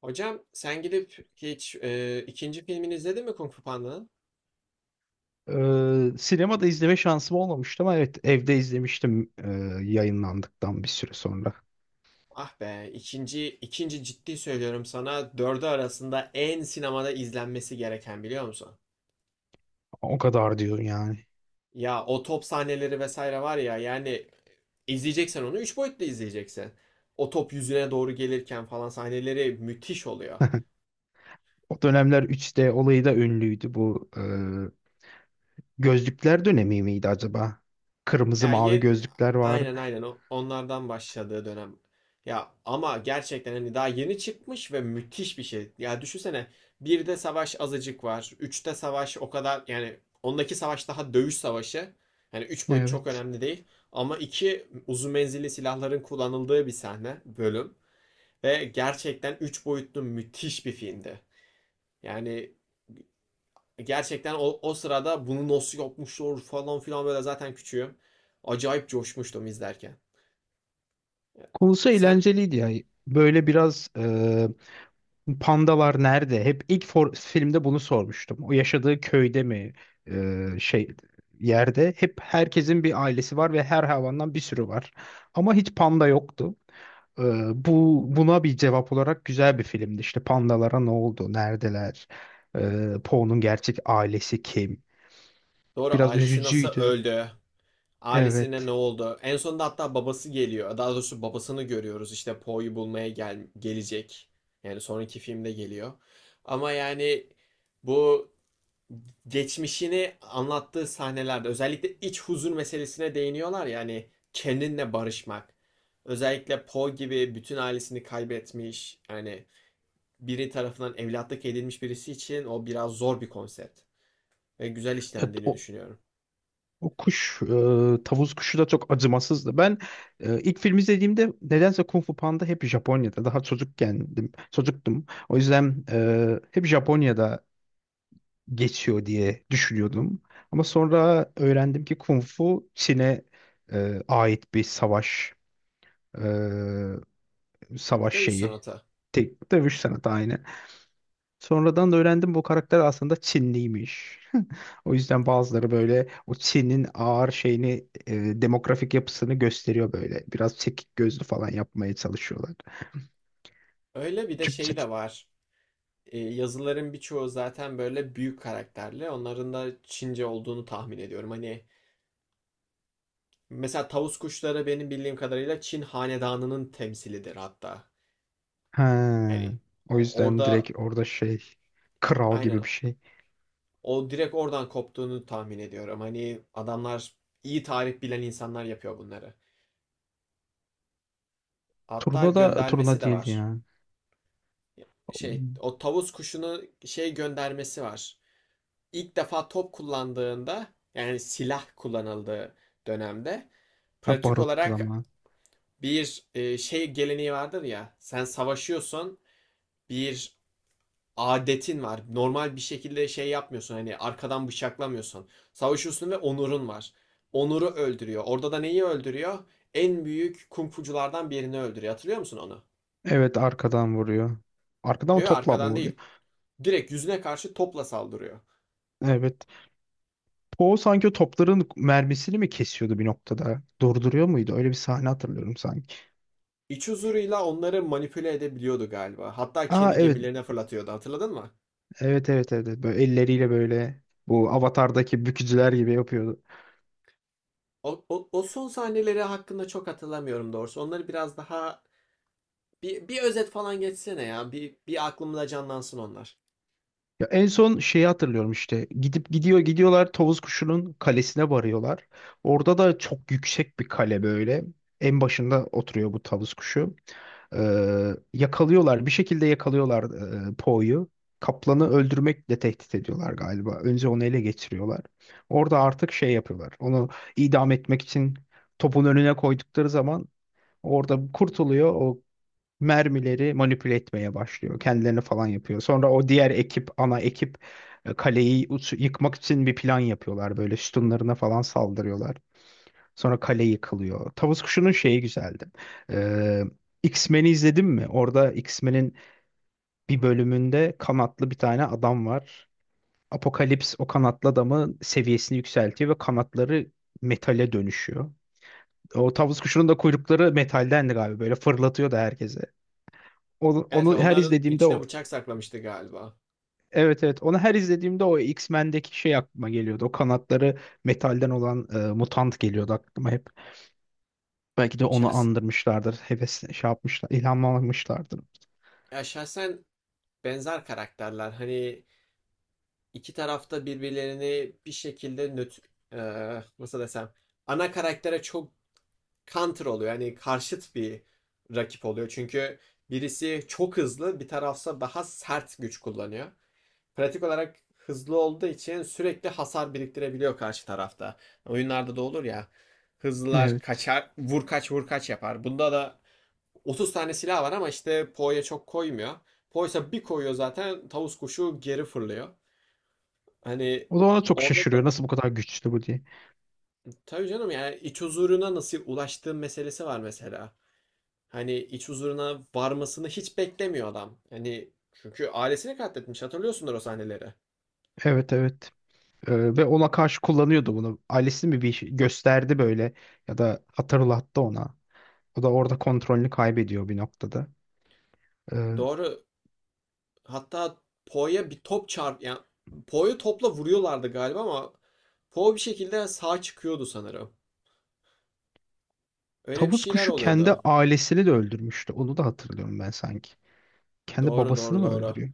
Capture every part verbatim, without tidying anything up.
Hocam sen gidip hiç e, ikinci filmini izledin mi Kung Fu Panda'nın? Ee, sinemada izleme şansım olmamıştı ama evet evde izlemiştim, e, yayınlandıktan bir süre sonra. Ah be ikinci ikinci ciddi söylüyorum sana dördü arasında en sinemada izlenmesi gereken biliyor musun? O kadar diyorum yani. Ya o top sahneleri vesaire var ya yani izleyeceksen onu üç boyutlu izleyeceksin. O top yüzüne doğru gelirken falan sahneleri müthiş oluyor. O dönemler üç D olayı da ünlüydü bu. E, gözlükler dönemi miydi acaba? Kırmızı Ya mavi ye, gözlükler vardı. aynen aynen o onlardan başladığı dönem. Ya ama gerçekten hani daha yeni çıkmış ve müthiş bir şey. Ya düşünsene birde savaş azıcık var. Üçte savaş o kadar yani ondaki savaş daha dövüş savaşı. Hani üç boyut çok Evet. önemli değil. Ama iki uzun menzilli silahların kullanıldığı bir sahne bölüm. Ve gerçekten üç boyutlu müthiş bir filmdi. Yani gerçekten o, o sırada bunu nasıl yapmışlar falan filan böyle zaten küçüğüm. Acayip coşmuştum izlerken. Konusu Sen eğlenceliydi ya. Böyle biraz e, pandalar nerede? Hep ilk for- filmde bunu sormuştum. O yaşadığı köyde mi? E, şey yerde hep herkesin bir ailesi var ve her hayvandan bir sürü var. Ama hiç panda yoktu. E, Bu buna bir cevap olarak güzel bir filmdi. İşte pandalara ne oldu? Neredeler? E, Po'nun gerçek ailesi kim? doğru Biraz ailesi nasıl üzücüydü. öldü? Ailesine ne Evet. oldu? En sonunda hatta babası geliyor. Daha doğrusu babasını görüyoruz. İşte Poe'yu bulmaya gel gelecek. Yani sonraki filmde geliyor. Ama yani bu geçmişini anlattığı sahnelerde özellikle iç huzur meselesine değiniyorlar ya hani kendinle barışmak. Özellikle Poe gibi bütün ailesini kaybetmiş yani biri tarafından evlatlık edilmiş birisi için o biraz zor bir konsept ve güzel Ya, işlendiğini o- düşünüyorum. O kuş, e, tavus kuşu da çok acımasızdı. Ben e, ilk film izlediğimde nedense Kung Fu Panda hep Japonya'da. Daha çocukkendim, çocuktum. O yüzden e, hep Japonya'da geçiyor diye düşünüyordum. Ama sonra öğrendim ki Kung Fu Çin'e e, ait bir savaş, e, savaş Dövüş şeyi. sanatı. Tek dövüş sanatı aynı. Sonradan da öğrendim bu karakter aslında Çinliymiş. O yüzden bazıları böyle o Çin'in ağır şeyini, e, demografik yapısını gösteriyor böyle. Biraz çekik gözlü falan yapmaya çalışıyorlar. Öyle bir de şey Türkçe. de var. E, yazıların birçoğu zaten böyle büyük karakterli. Onların da Çince olduğunu tahmin ediyorum. Hani mesela tavus kuşları benim bildiğim kadarıyla Çin hanedanının temsilidir hatta. Ha, Hani o yüzden orada direkt orada şey, kral aynen gibi bir şey. o direkt oradan koptuğunu tahmin ediyorum. Hani adamlar iyi tarih bilen insanlar yapıyor bunları. Hatta Turna da göndermesi turna de değildi var. ya. Şey o tavus kuşunu şey göndermesi var. İlk defa top kullandığında yani silah kullanıldığı dönemde Ha, pratik baruttu olarak ama. bir e, şey geleneği vardır ya sen savaşıyorsun bir adetin var. Normal bir şekilde şey yapmıyorsun. Hani arkadan bıçaklamıyorsun. Savaşıyorsun ve onurun var. Onuru öldürüyor. Orada da neyi öldürüyor? En büyük kung birini öldürüyor. Hatırlıyor musun onu? Evet, arkadan vuruyor. Arkadan mı, Yok topla mı arkadan vuruyor? değil. Direkt yüzüne karşı topla saldırıyor. Evet. Poe sanki o topların mermisini mi kesiyordu bir noktada? Durduruyor muydu? Öyle bir sahne hatırlıyorum sanki. İç huzuruyla onları manipüle edebiliyordu galiba. Hatta Aa, kendi evet. gemilerine fırlatıyordu. Hatırladın mı? Evet evet evet. evet. Böyle elleriyle böyle bu Avatar'daki bükücüler gibi yapıyordu. O, o, o son sahneleri hakkında çok hatırlamıyorum doğrusu. Onları biraz daha bir, bir özet falan geçsene ya. Bir, bir aklımda canlansın onlar. Ya en son şeyi hatırlıyorum işte. Gidip gidiyor gidiyorlar, Tavus Kuşu'nun kalesine varıyorlar. Orada da çok yüksek bir kale böyle. En başında oturuyor bu Tavus Kuşu. Ee, yakalıyorlar. Bir şekilde yakalıyorlar e, Poe'yu. Kaplanı öldürmekle tehdit ediyorlar galiba. Önce onu ele geçiriyorlar. Orada artık şey yapıyorlar. Onu idam etmek için topun önüne koydukları zaman orada kurtuluyor. O mermileri manipüle etmeye başlıyor. Kendilerini falan yapıyor. Sonra o diğer ekip, ana ekip e, kaleyi uç- yıkmak için bir plan yapıyorlar. Böyle sütunlarına falan saldırıyorlar. Sonra kale yıkılıyor. Tavus Kuşu'nun şeyi güzeldi. Ee, X-Men'i izledin mi? Orada X-Men'in bir bölümünde kanatlı bir tane adam var. Apokalips o kanatlı adamın seviyesini yükseltiyor ve kanatları metale dönüşüyor. O tavus kuşunun da kuyrukları metaldendi galiba. Böyle fırlatıyor da herkese. Onu, Evet onu her onların izlediğimde içine o. bıçak saklamıştı galiba. Evet evet onu her izlediğimde o X-Men'deki şey aklıma geliyordu. O kanatları metalden olan e, mutant geliyordu aklıma hep. Belki de onu Şahs andırmışlardır. Heves şey yapmışlar, ilhamlanmışlardır. ya şahsen benzer karakterler. Hani iki tarafta birbirlerini bir şekilde nötr eee, nasıl desem ana karaktere çok counter oluyor. Yani karşıt bir rakip oluyor. Çünkü birisi çok hızlı, bir tarafsa daha sert güç kullanıyor. Pratik olarak hızlı olduğu için sürekli hasar biriktirebiliyor karşı tarafta. Oyunlarda da olur ya. Hızlılar Evet. kaçar, vur kaç vur kaç yapar. Bunda da otuz tane silah var ama işte Poe'ya çok koymuyor. Poe'sa bir koyuyor zaten tavus kuşu geri fırlıyor. Hani O da ona çok orada da şaşırıyor. Nasıl bu kadar güçlü bu diye. tabii canım yani iç huzuruna nasıl ulaştığı meselesi var mesela. Hani iç huzuruna varmasını hiç beklemiyor adam. Hani çünkü ailesini katletmiş hatırlıyorsundur o sahneleri. Evet, evet. Ee, ve ona karşı kullanıyordu bunu. Ailesi mi bir şey gösterdi böyle ya da hatırlattı ona. O da orada kontrolünü kaybediyor bir noktada. Ee, Doğru. Hatta Poe'ya bir top çarp yani Poe'yu topla vuruyorlardı galiba ama Poe bir şekilde sağ çıkıyordu sanırım. Öyle bir tavus şeyler kuşu kendi oluyordu. ailesini de öldürmüştü. Onu da hatırlıyorum ben sanki. Kendi Doğru babasını doğru mı doğru. öldürüyor?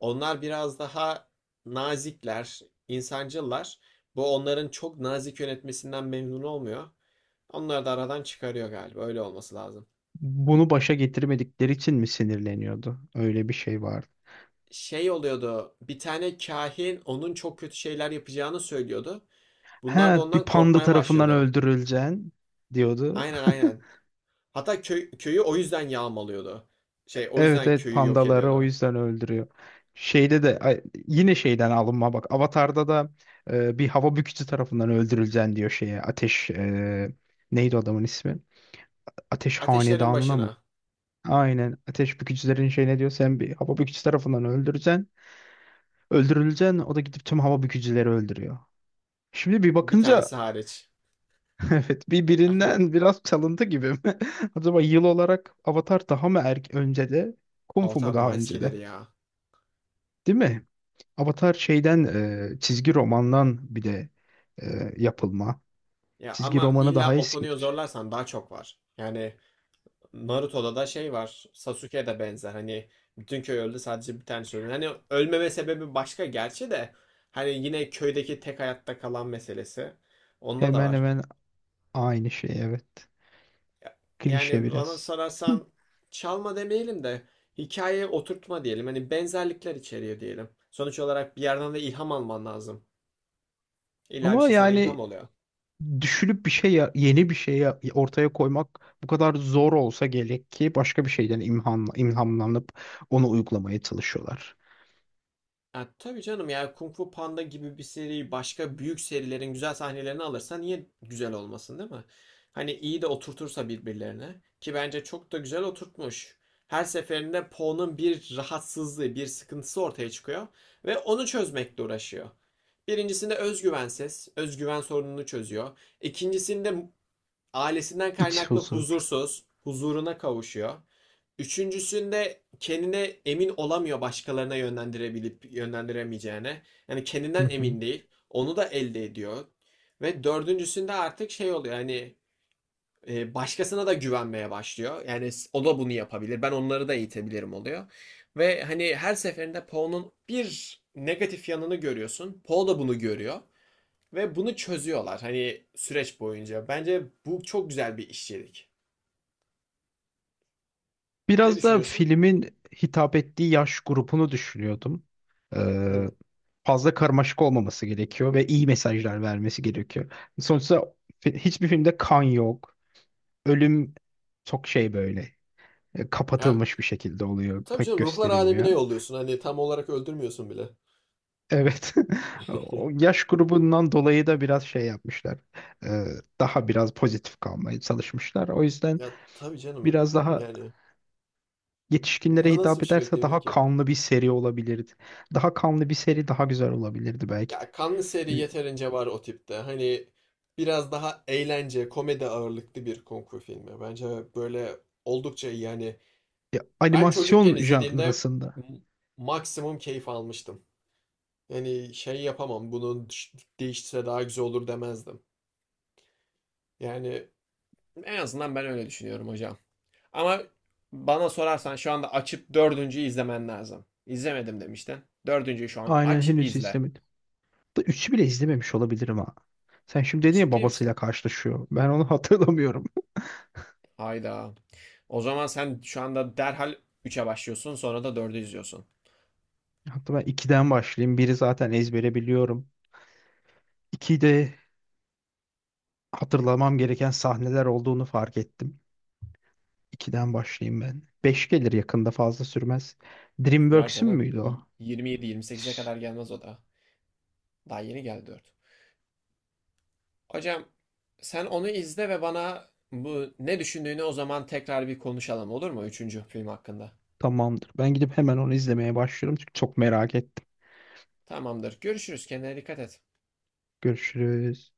Onlar biraz daha nazikler, insancıllar. Bu onların çok nazik yönetmesinden memnun olmuyor. Onları da aradan çıkarıyor galiba. Öyle olması lazım. Bunu başa getirmedikleri için mi sinirleniyordu? Öyle bir şey vardı. Şey oluyordu. Bir tane kahin onun çok kötü şeyler yapacağını söylüyordu. Bunlar da He, bir ondan panda korkmaya tarafından başladı. öldürüleceksin diyordu. Aynen aynen. Hatta köy, köyü o yüzden yağmalıyordu. Şey o Evet, yüzden evet, köyü yok pandaları o ediyordu. yüzden öldürüyor. Şeyde de ay, yine şeyden alınma bak. Avatar'da da e, bir hava bükücü tarafından öldürüleceksin diyor şeye. Ateş, e, neydi adamın ismi? Ateş Ateşlerin hanedanına mı? başına. Aynen. Ateş bükücülerin şey ne diyor? Sen bir hava bükücü tarafından öldüreceksin. Öldürüleceksin. O da gidip tüm hava bükücüleri öldürüyor. Şimdi bir Bir tanesi bakınca hariç. evet, bir birinden biraz çalıntı gibi mi? Acaba yıl olarak Avatar daha mı erk önce de, Kung Fu mu Avatar daha daha önce eskileri de? ya. Değil mi? Avatar şeyden, e, çizgi romandan bir de e, yapılma. Ya Çizgi ama romanı illa daha o konuyu eskidir. zorlarsan daha çok var. Yani Naruto'da da şey var. Sasuke de benzer. Hani bütün köy öldü sadece bir tanesi öldü. Hani ölmeme sebebi başka gerçi de. Hani yine köydeki tek hayatta kalan meselesi. Onda da Hemen var. hemen aynı şey, evet. Ya- Klişe Yani bana biraz. sorarsan çalma demeyelim de hikayeye oturtma diyelim. Hani benzerlikler içeriyor diyelim. Sonuç olarak bir yerden de ilham alman lazım. İlla bir Ama şey sana ilham yani oluyor. düşünüp bir şey ya- yeni bir şey ya- ortaya koymak bu kadar zor olsa gerek ki başka bir şeyden imhan, ilhamlanıp onu uygulamaya çalışıyorlar. Ya tabii canım ya Kung Fu Panda gibi bir seri başka büyük serilerin güzel sahnelerini alırsa niye güzel olmasın değil mi? Hani iyi de oturtursa birbirlerine ki bence çok da güzel oturtmuş. Her seferinde Po'nun bir rahatsızlığı, bir sıkıntısı ortaya çıkıyor ve onu çözmekle uğraşıyor. Birincisinde özgüvensiz, özgüven sorununu çözüyor. İkincisinde ailesinden İç kaynaklı huzur. huzursuz, huzuruna kavuşuyor. Üçüncüsünde kendine emin olamıyor başkalarına yönlendirebilip yönlendiremeyeceğine. Yani kendinden emin değil. Onu da elde ediyor. Ve dördüncüsünde artık şey oluyor hani e, başkasına da güvenmeye başlıyor. Yani o da bunu yapabilir. Ben onları da eğitebilirim oluyor. Ve hani her seferinde Poe'nun bir negatif yanını görüyorsun. Poe da bunu görüyor. Ve bunu çözüyorlar hani süreç boyunca. Bence bu çok güzel bir işçilik. Ne Biraz da düşünüyorsun? filmin hitap ettiği yaş grubunu düşünüyordum. Ee, Hı. fazla karmaşık olmaması gerekiyor ve iyi mesajlar vermesi gerekiyor. Sonuçta fi- hiçbir filmde kan yok. Ölüm çok şey böyle, e, Ya, kapatılmış bir şekilde oluyor. tabii Pek canım ruhlar alemine gösterilmiyor. yolluyorsun. Hani tam olarak öldürmüyorsun bile. Evet. O yaş grubundan dolayı da biraz şey yapmışlar. Ee, daha biraz pozitif kalmaya çalışmışlar. O yüzden Ya tabii canım. biraz daha Yani n- yetişkinlere nasıl hitap bir şey ederse bekleyebilir daha ki? kanlı bir seri olabilirdi. Daha kanlı bir seri daha güzel olabilirdi belki de. Ya kanlı seri Ne bileyim, yeterince var o tipte. Hani biraz daha eğlence, komedi ağırlıklı bir kung fu filmi. Bence böyle oldukça iyi. Yani ben çocukken animasyon izlediğimde janrasında. m- maksimum keyif almıştım. Yani şey yapamam, bunun düş- daha güzel olur demezdim. Yani en azından ben öyle düşünüyorum hocam. Ama bana sorarsan şu anda açıp dördüncüyü izlemen lazım. İzlemedim demiştin. Dördüncüyü şu an Aynen, aç henüz izle. izlemedim. Da üçü bile izlememiş olabilirim ha. Sen şimdi dedin ya Ciddi babasıyla misin? karşılaşıyor. Ben onu hatırlamıyorum. Hayda. O zaman sen şu anda derhal üçe başlıyorsun sonra da dördü izliyorsun. Hatta ben ikiden başlayayım. Biri zaten ezbere biliyorum. ikide hatırlamam gereken sahneler olduğunu fark ettim. ikiden başlayayım ben. Beş gelir yakında, fazla sürmez. Sürer DreamWorks'ün canım. müydü o? Y- yirmi yedi yirmi sekize Üf. kadar gelmez o da. Daha yeni geldi dört. Hocam sen onu izle ve bana bu ne düşündüğünü o zaman tekrar bir konuşalım olur mu? Üçüncü film hakkında. Tamamdır. Ben gidip hemen onu izlemeye başlıyorum çünkü çok merak ettim. Tamamdır. Görüşürüz. Kendine dikkat et. Görüşürüz.